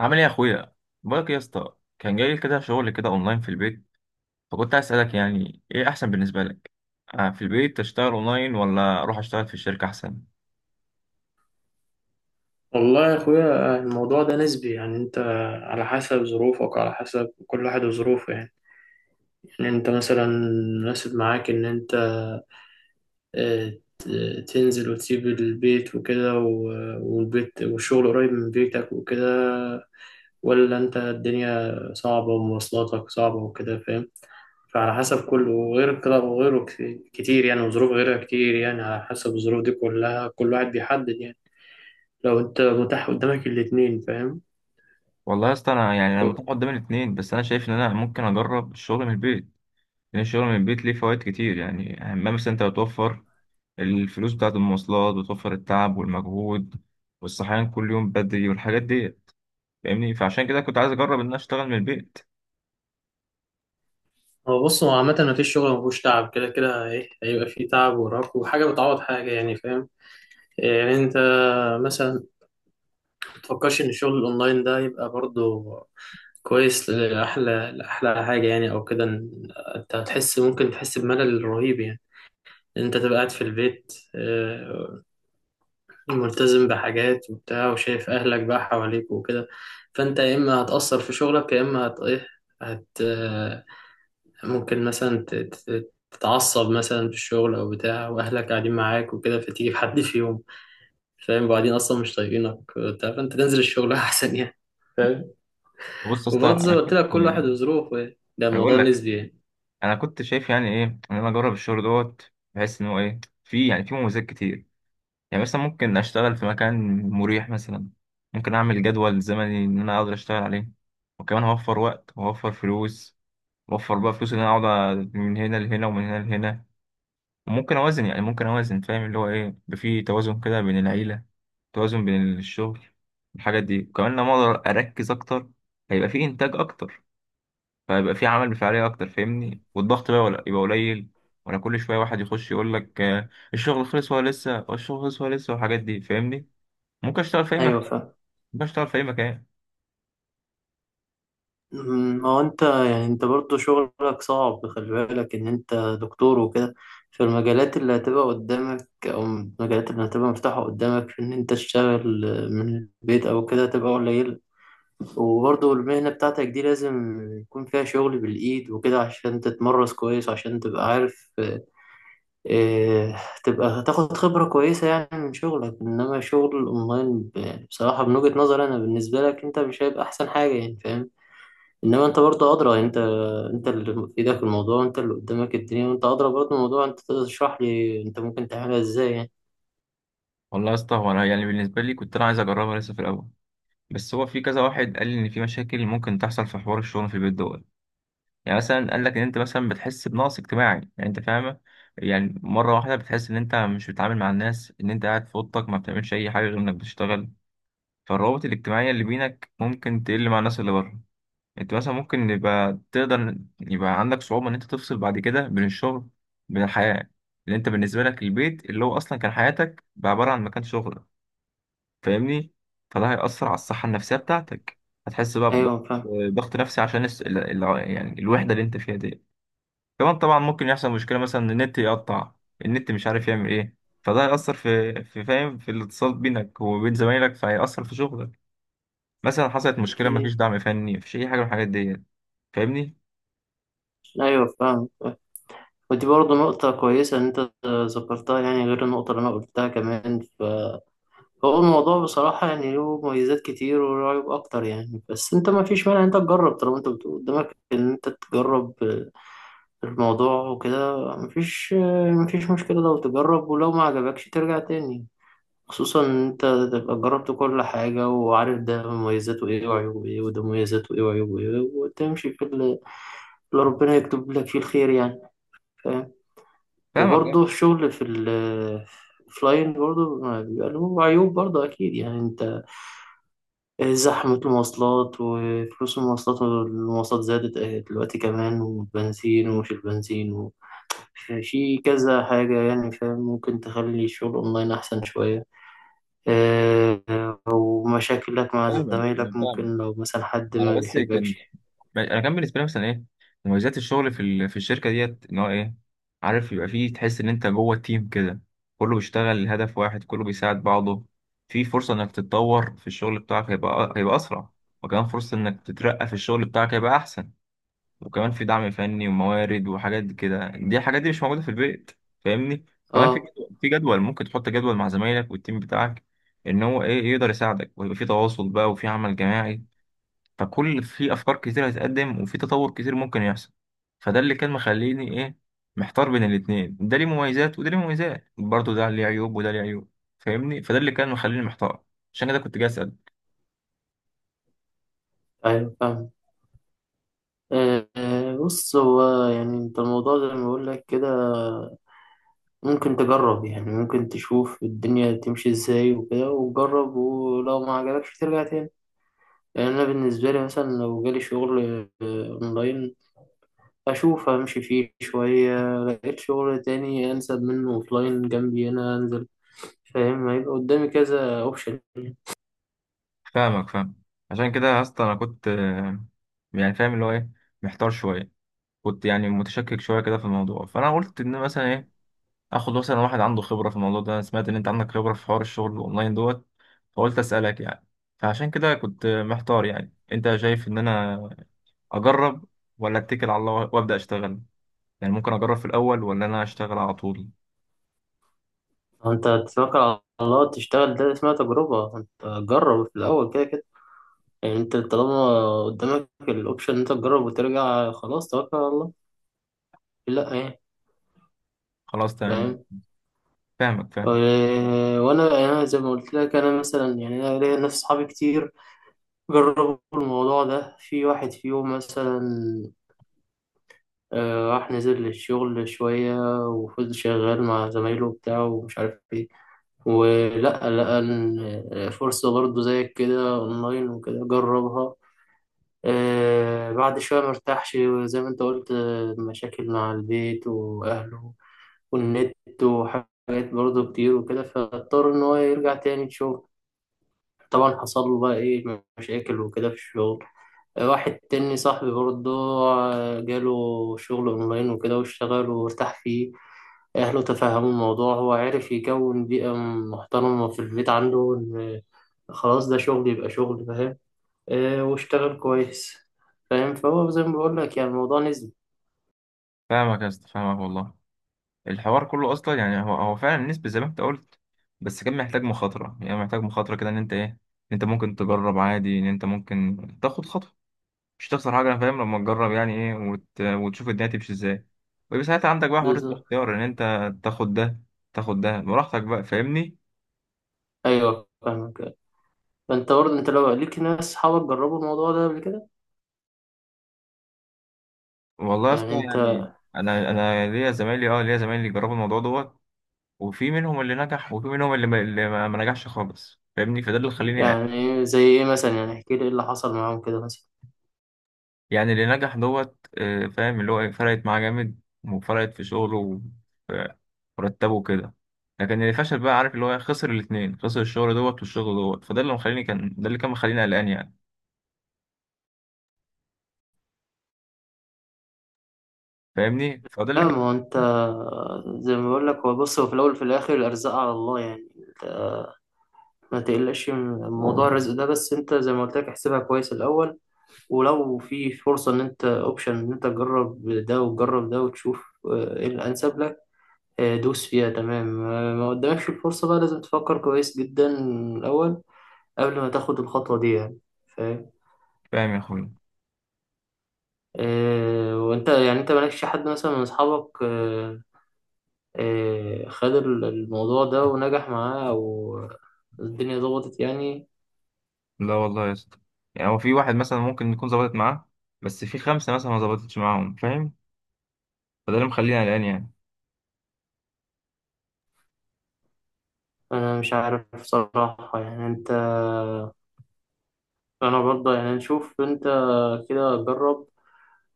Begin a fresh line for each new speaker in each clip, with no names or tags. عامل ايه يا اخويا؟ بقولك إيه يا اسطى، كان جاي لي كده شغل كده اونلاين في البيت، فكنت عايز اسالك يعني ايه احسن بالنسبه لك. آه، في البيت تشتغل اونلاين ولا اروح اشتغل في الشركه احسن؟
والله يا اخويا، الموضوع ده نسبي يعني. انت على حسب ظروفك، على حسب كل واحد وظروفه يعني انت مثلا مناسب معاك ان انت آه، ت- تنزل وتسيب البيت وكده، والبيت والشغل قريب من بيتك وكده، ولا انت الدنيا صعبة ومواصلاتك صعبة وكده، فاهم؟ فعلى حسب كله، وغير كده وغيره كتير يعني، وظروف غيرها كتير يعني. على حسب الظروف دي كلها، كل واحد بيحدد يعني. لو انت متاح قدامك الاتنين، فاهم؟
والله يا اسطى انا متاح قدام الاثنين، بس انا شايف ان انا ممكن اجرب الشغل من البيت، لان الشغل من البيت ليه فوائد كتير. يعني اهمها مثلا انت بتوفر الفلوس بتاعه المواصلات، وتوفر التعب والمجهود والصحيان كل يوم بدري والحاجات دي، فاهمني؟ فعشان كده كنت عايز اجرب ان انا اشتغل من البيت.
هو بص، هو عامة مفيش شغل مفهوش تعب، كده كده ايه هيبقى فيه تعب وراك، وحاجة بتعوض حاجة يعني، فاهم؟ يعني انت مثلا متفكرش ان الشغل الاونلاين ده يبقى برضه كويس لأحلى حاجة يعني، او كده. إن انت هتحس، ممكن تحس بملل رهيب يعني، إن انت تبقى قاعد في البيت، آه، ملتزم بحاجات وبتاع، وشايف اهلك بقى حواليك وكده. فانت يا اما هتأثر في شغلك، يا اما هت ايه هت ممكن مثلا تتعصب مثلا في الشغل او بتاع، واهلك قاعدين معاك وكده، فتيجي في حد فيهم، فاهم؟ وبعدين اصلا مش طايقينك وبتاع، فانت تنزل الشغل احسن يعني، فاهم؟
بص يا اسطى،
وبرضه زي
انا
ما قلت
كنت،
لك، كل واحد وظروفه يعني، ده
انا
موضوع
بقول،
نسبي يعني.
انا كنت شايف يعني ايه، ان انا اجرب الشغل دوت، بحيث ان هو ايه، في يعني في مميزات كتير. يعني مثلا ممكن اشتغل في مكان مريح، مثلا ممكن اعمل جدول زمني ان انا اقدر اشتغل عليه، وكمان هوفر وقت وهوفر فلوس. وفر بقى فلوس ان انا اقعد من هنا لهنا ومن هنا لهنا، وممكن اوازن يعني ممكن اوازن فاهم اللي هو ايه، يبقى في توازن كده بين العيله، توازن بين الشغل، الحاجات دي. وكمان لما اقدر اركز اكتر، هيبقى في انتاج اكتر، فيبقى في عمل بفاعلية أكتر، فاهمني؟ والضغط بقى ولا يبقى قليل، ولا كل شوية واحد يخش يقول لك الشغل خلص ولا لسه، والشغل خلص ولا لسه، والحاجات دي، فاهمني؟ ممكن أشتغل في أي
ايوه
مكان،
فاهم.
ممكن أشتغل في أي مكان.
ما هو انت، يعني انت برضو شغلك صعب، خلي بالك ان انت دكتور وكده. في المجالات اللي هتبقى قدامك، او المجالات اللي هتبقى مفتوحة قدامك في ان انت تشتغل من البيت او كده، هتبقى قليلة. وبرضه المهنة بتاعتك دي لازم يكون فيها شغل بالإيد وكده، عشان تتمرس كويس، عشان تبقى عارف إيه، تبقى تاخد خبرة كويسة يعني من شغلك. إنما شغل الأونلاين بصراحة من وجهة نظري أنا بالنسبة لك، أنت مش هيبقى أحسن حاجة يعني، فاهم؟ إنما أنت برضه أدرى يعني. أنت اللي في إيدك الموضوع، وأنت اللي قدامك الدنيا، وأنت أدرى برضه الموضوع. أنت تقدر تشرح لي أنت ممكن تعملها إزاي يعني.
والله يا اسطى، هو أنا يعني بالنسبة لي كنت أنا عايز أجربها لسه في الأول، بس هو في كذا واحد قال لي إن في مشاكل ممكن تحصل في حوار الشغل في البيت دوت. يعني مثلا قال لك إن أنت مثلا بتحس بنقص اجتماعي، يعني أنت فاهمة، يعني مرة واحدة بتحس إن أنت مش بتتعامل مع الناس، إن أنت قاعد في أوضتك ما بتعملش أي حاجة غير إنك بتشتغل. فالروابط الاجتماعية اللي بينك ممكن تقل مع الناس اللي بره. انت مثلا ممكن يبقى تقدر يبقى عندك صعوبة ان انت تفصل بعد كده بين الشغل، بين الحياة، لان انت بالنسبة لك البيت اللي هو اصلا كان حياتك بقى عبارة عن مكان شغلك، فاهمني؟ فده هيأثر على الصحة النفسية بتاعتك، هتحس بقى بضغط،
أيوه فاهم.
ضغط نفسي عشان يعني الوحدة اللي انت فيها دي. كمان طبعا ممكن يحصل مشكلة، مثلا ان النت يقطع، النت مش عارف يعمل ايه، فده هيأثر في الاتصال بينك وبين زمايلك، فهيأثر في شغلك. مثلا حصلت مشكله،
أكيد.
مفيش دعم فني، مفيش اي حاجه من الحاجات ديت، فاهمني؟
أيوه فاهم. ودي برضه نقطة كويسة إن أنت ذكرتها يعني، غير النقطة اللي أنا قلتها كمان. فهو الموضوع بصراحة يعني له مميزات كتير وله عيوب أكتر يعني، بس أنت ما فيش مانع إن أنت تجرب، طالما أنت بتقول قدامك إن أنت تجرب الموضوع وكده. ما فيش مشكلة لو تجرب، ولو ما عجبكش ترجع تاني. خصوصا إن أنت تبقى جربت كل حاجة، وعارف ده مميزاته إيه وعيوبه إيه، وده مميزاته إيه وعيوبه إيه، وتمشي في اللي ربنا يكتب لك فيه الخير يعني، فاهم؟
فاهمك آه،
وبرضه الشغل في ال فلاين برضه ما بيبقى له عيوب برضه أكيد يعني، أنت زحمة المواصلات وفلوس المواصلات، والمواصلات زادت دلوقتي كمان، والبنزين ومش البنزين، وفي كذا حاجة يعني، فاهم؟ ممكن تخلي الشغل أونلاين أحسن شوية. آه، أو مشاكلك مع
فاهمك
زمايلك،
انا
ممكن
فاهمك.
لو مثلا حد ما
انا بس كان،
بيحبكش.
انا كان بالنسبه لي مثلا ايه مميزات الشغل في الشركه ديت، ان هو ايه، عارف يبقى فيه، تحس ان انت جوه التيم كده، كله بيشتغل لهدف واحد، كله بيساعد بعضه. في فرصه انك تتطور في الشغل بتاعك، هيبقى اسرع، وكمان فرصه انك تترقى في الشغل بتاعك هيبقى احسن. وكمان في دعم فني وموارد وحاجات دي كده، دي الحاجات دي مش موجودة في البيت، فاهمني؟ كمان في
اه،
جدول في جدول ممكن تحط جدول مع زمايلك والتيم بتاعك، ان هو ايه، يقدر يساعدك، ويبقى في تواصل بقى وفي عمل جماعي، فكل في افكار كتير هتقدم، وفي تطور كتير ممكن يحصل. فده اللي كان مخليني ايه، محتار بين الاتنين، ده ليه مميزات وده ليه مميزات، برضه ده ليه عيوب وده ليه عيوب، فاهمني؟ فده اللي كان مخليني محتار، عشان كده كنت جاي اسال.
أيوة فاهم. بص، هو يعني أنت الموضوع زي ما بقول لك كده، ممكن تجرب يعني، ممكن تشوف الدنيا تمشي ازاي وكده، وجرب، ولو ما عجبكش ترجع تاني. يعني انا بالنسبه لي مثلا لو جالي شغل اونلاين، اشوف امشي فيه شويه، لقيت شغل تاني انسب منه اوفلاين جنبي هنا انزل، فاهم؟ هيبقى قدامي كذا اوبشن.
فاهمك فاهم، عشان كده يا اسطى انا كنت يعني فاهم اللي هو ايه، محتار شوية، كنت يعني متشكك شويه كده في الموضوع، فانا قلت ان مثلا ايه، اخد مثلا واحد عنده خبره في الموضوع ده، انا سمعت ان انت عندك خبره في حوار الشغل الاونلاين دوت، فقلت اسالك يعني. فعشان كده كنت محتار، يعني انت شايف ان انا اجرب ولا اتكل على الله وابدا اشتغل؟ يعني ممكن اجرب في الاول ولا انا اشتغل على طول؟
انت تتوكل على الله تشتغل، ده اسمها تجربه. انت جرب في الاول، كده كده يعني. انت طالما قدامك الاوبشن إن انت تجرب وترجع، خلاص توكل على الله، لا يعني،
خلاص تمام،
فاهم؟
فاهمك فاهم.
وانا يعني، أنا زي ما قلت لك، انا مثلا يعني انا ليا ناس صحابي كتير جربوا الموضوع ده. في واحد فيهم مثلا راح نزل للشغل شوية، وفضل شغال مع زمايله بتاعه ومش عارف ايه، ولا لقى إن فرصة برضه زيك كده اونلاين وكده، جربها. بعد شوية مرتاحش، زي ما انت قلت. مشاكل مع البيت واهله والنت، وحاجات برضه كتير وكده، فاضطر ان هو يرجع تاني شغل. طبعا حصل له بقى ايه مشاكل وكده في الشغل. واحد تاني صاحبي برضه جاله شغل اونلاين وكده، واشتغل وارتاح فيه. اهله تفهموا الموضوع، هو عارف يكون بيئة محترمة في البيت عنده، ان خلاص ده شغل يبقى شغل، فاهم؟ واشتغل كويس، فاهم؟ فهو زي ما بقول لك يعني الموضوع نسبي.
فاهمك يا اسطى، فاهمك والله. الحوار كله اصلا يعني هو فعلا نسبي زي ما انت قلت، بس كان محتاج مخاطره، يعني محتاج مخاطره كده، ان انت ايه، إن انت ممكن تجرب عادي، ان انت ممكن تاخد خطوه، مش هتخسر حاجة، أنا فاهم لما تجرب يعني إيه وتشوف الدنيا تمشي إزاي، ويبقى ساعتها عندك بقى حرية
بالظبط.
الاختيار، إن أنت تاخد ده تاخد ده براحتك بقى، فاهمني؟
ايوه فاهمك. فانت برضه انت لو ليك ناس صحابك جربوا الموضوع ده قبل كده،
والله يا
يعني
اسطى،
انت،
يعني أنا ليا زمايلي جربوا الموضوع دوت، وفي منهم اللي نجح، وفي منهم اللي ما نجحش خالص، فاهمني؟ فده اللي خليني
يعني زي ايه مثلا؟ يعني احكي لي ايه اللي حصل معاهم كده مثلا؟
يعني. اللي نجح دوت آه، فاهم اللي هو إيه، فرقت معاه جامد، وفرقت في شغله وفي مرتبه كده. لكن اللي فشل بقى، عارف اللي هو إيه، خسر الاتنين، خسر الشغل دوت والشغل دوت، فده اللي مخليني كان ده اللي كان مخليني قلقان يعني، فاهمني؟ فده
لا،
اللي
ما
كان
هو انت، زي ما بقول لك، هو بص، هو في الاول وفي الاخر الارزاق على الله يعني. انت ما تقلقش من موضوع الرزق ده، بس انت زي ما قلت لك احسبها كويس الاول. ولو في فرصه ان انت اوبشن ان انت تجرب ده وتجرب ده وتشوف ايه الانسب لك، اه، دوس فيها، تمام. اه، ما قدامكش الفرصه بقى، لازم تفكر كويس جدا الاول قبل ما تاخد الخطوه دي يعني، فاهم؟
فاهم يا اخويا.
اه، وانت يعني، انت مالكش حد مثلا من اصحابك خد الموضوع ده ونجح معاه، أو الدنيا ضغطت يعني؟
لا والله يا اسطى، يعني هو في واحد مثلا ممكن يكون ظبطت معاه، بس في خمسة مثلا ما ظبطتش معاهم، فاهم؟ فده اللي مخليني قلقان يعني.
أنا مش عارف بصراحة يعني. أنت، أنا برضه يعني نشوف. أنت كده جرب،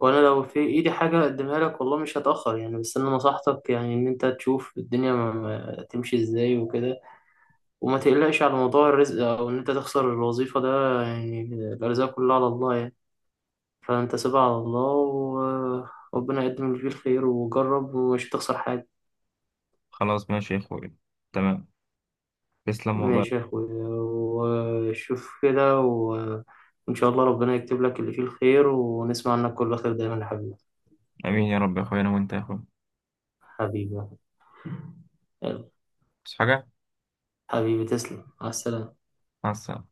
وأنا لو في إيدي حاجة أقدمها لك والله مش هتأخر يعني. بس أنا نصحتك يعني إن أنت تشوف الدنيا ما تمشي إزاي وكده، وما تقلقش على موضوع الرزق أو إن أنت تخسر الوظيفة ده يعني، الأرزاق كلها على الله يعني. فأنت سيبها على الله، وربنا يقدم اللي فيه الخير، وجرب ومش هتخسر حاجة.
خلاص ماشي يا اخويا، تمام، تسلم والله.
ماشي يا أخويا، وشوف كده، وإن شاء الله ربنا يكتب لك اللي فيه الخير، ونسمع عنك كل خير دايما يا حبيبي.
امين يا رب، يا اخويا انا وانت يا اخويا.
حبيبي، يلا،
بس حاجة،
حبيبي تسلم، مع السلامة.
مع السلامة.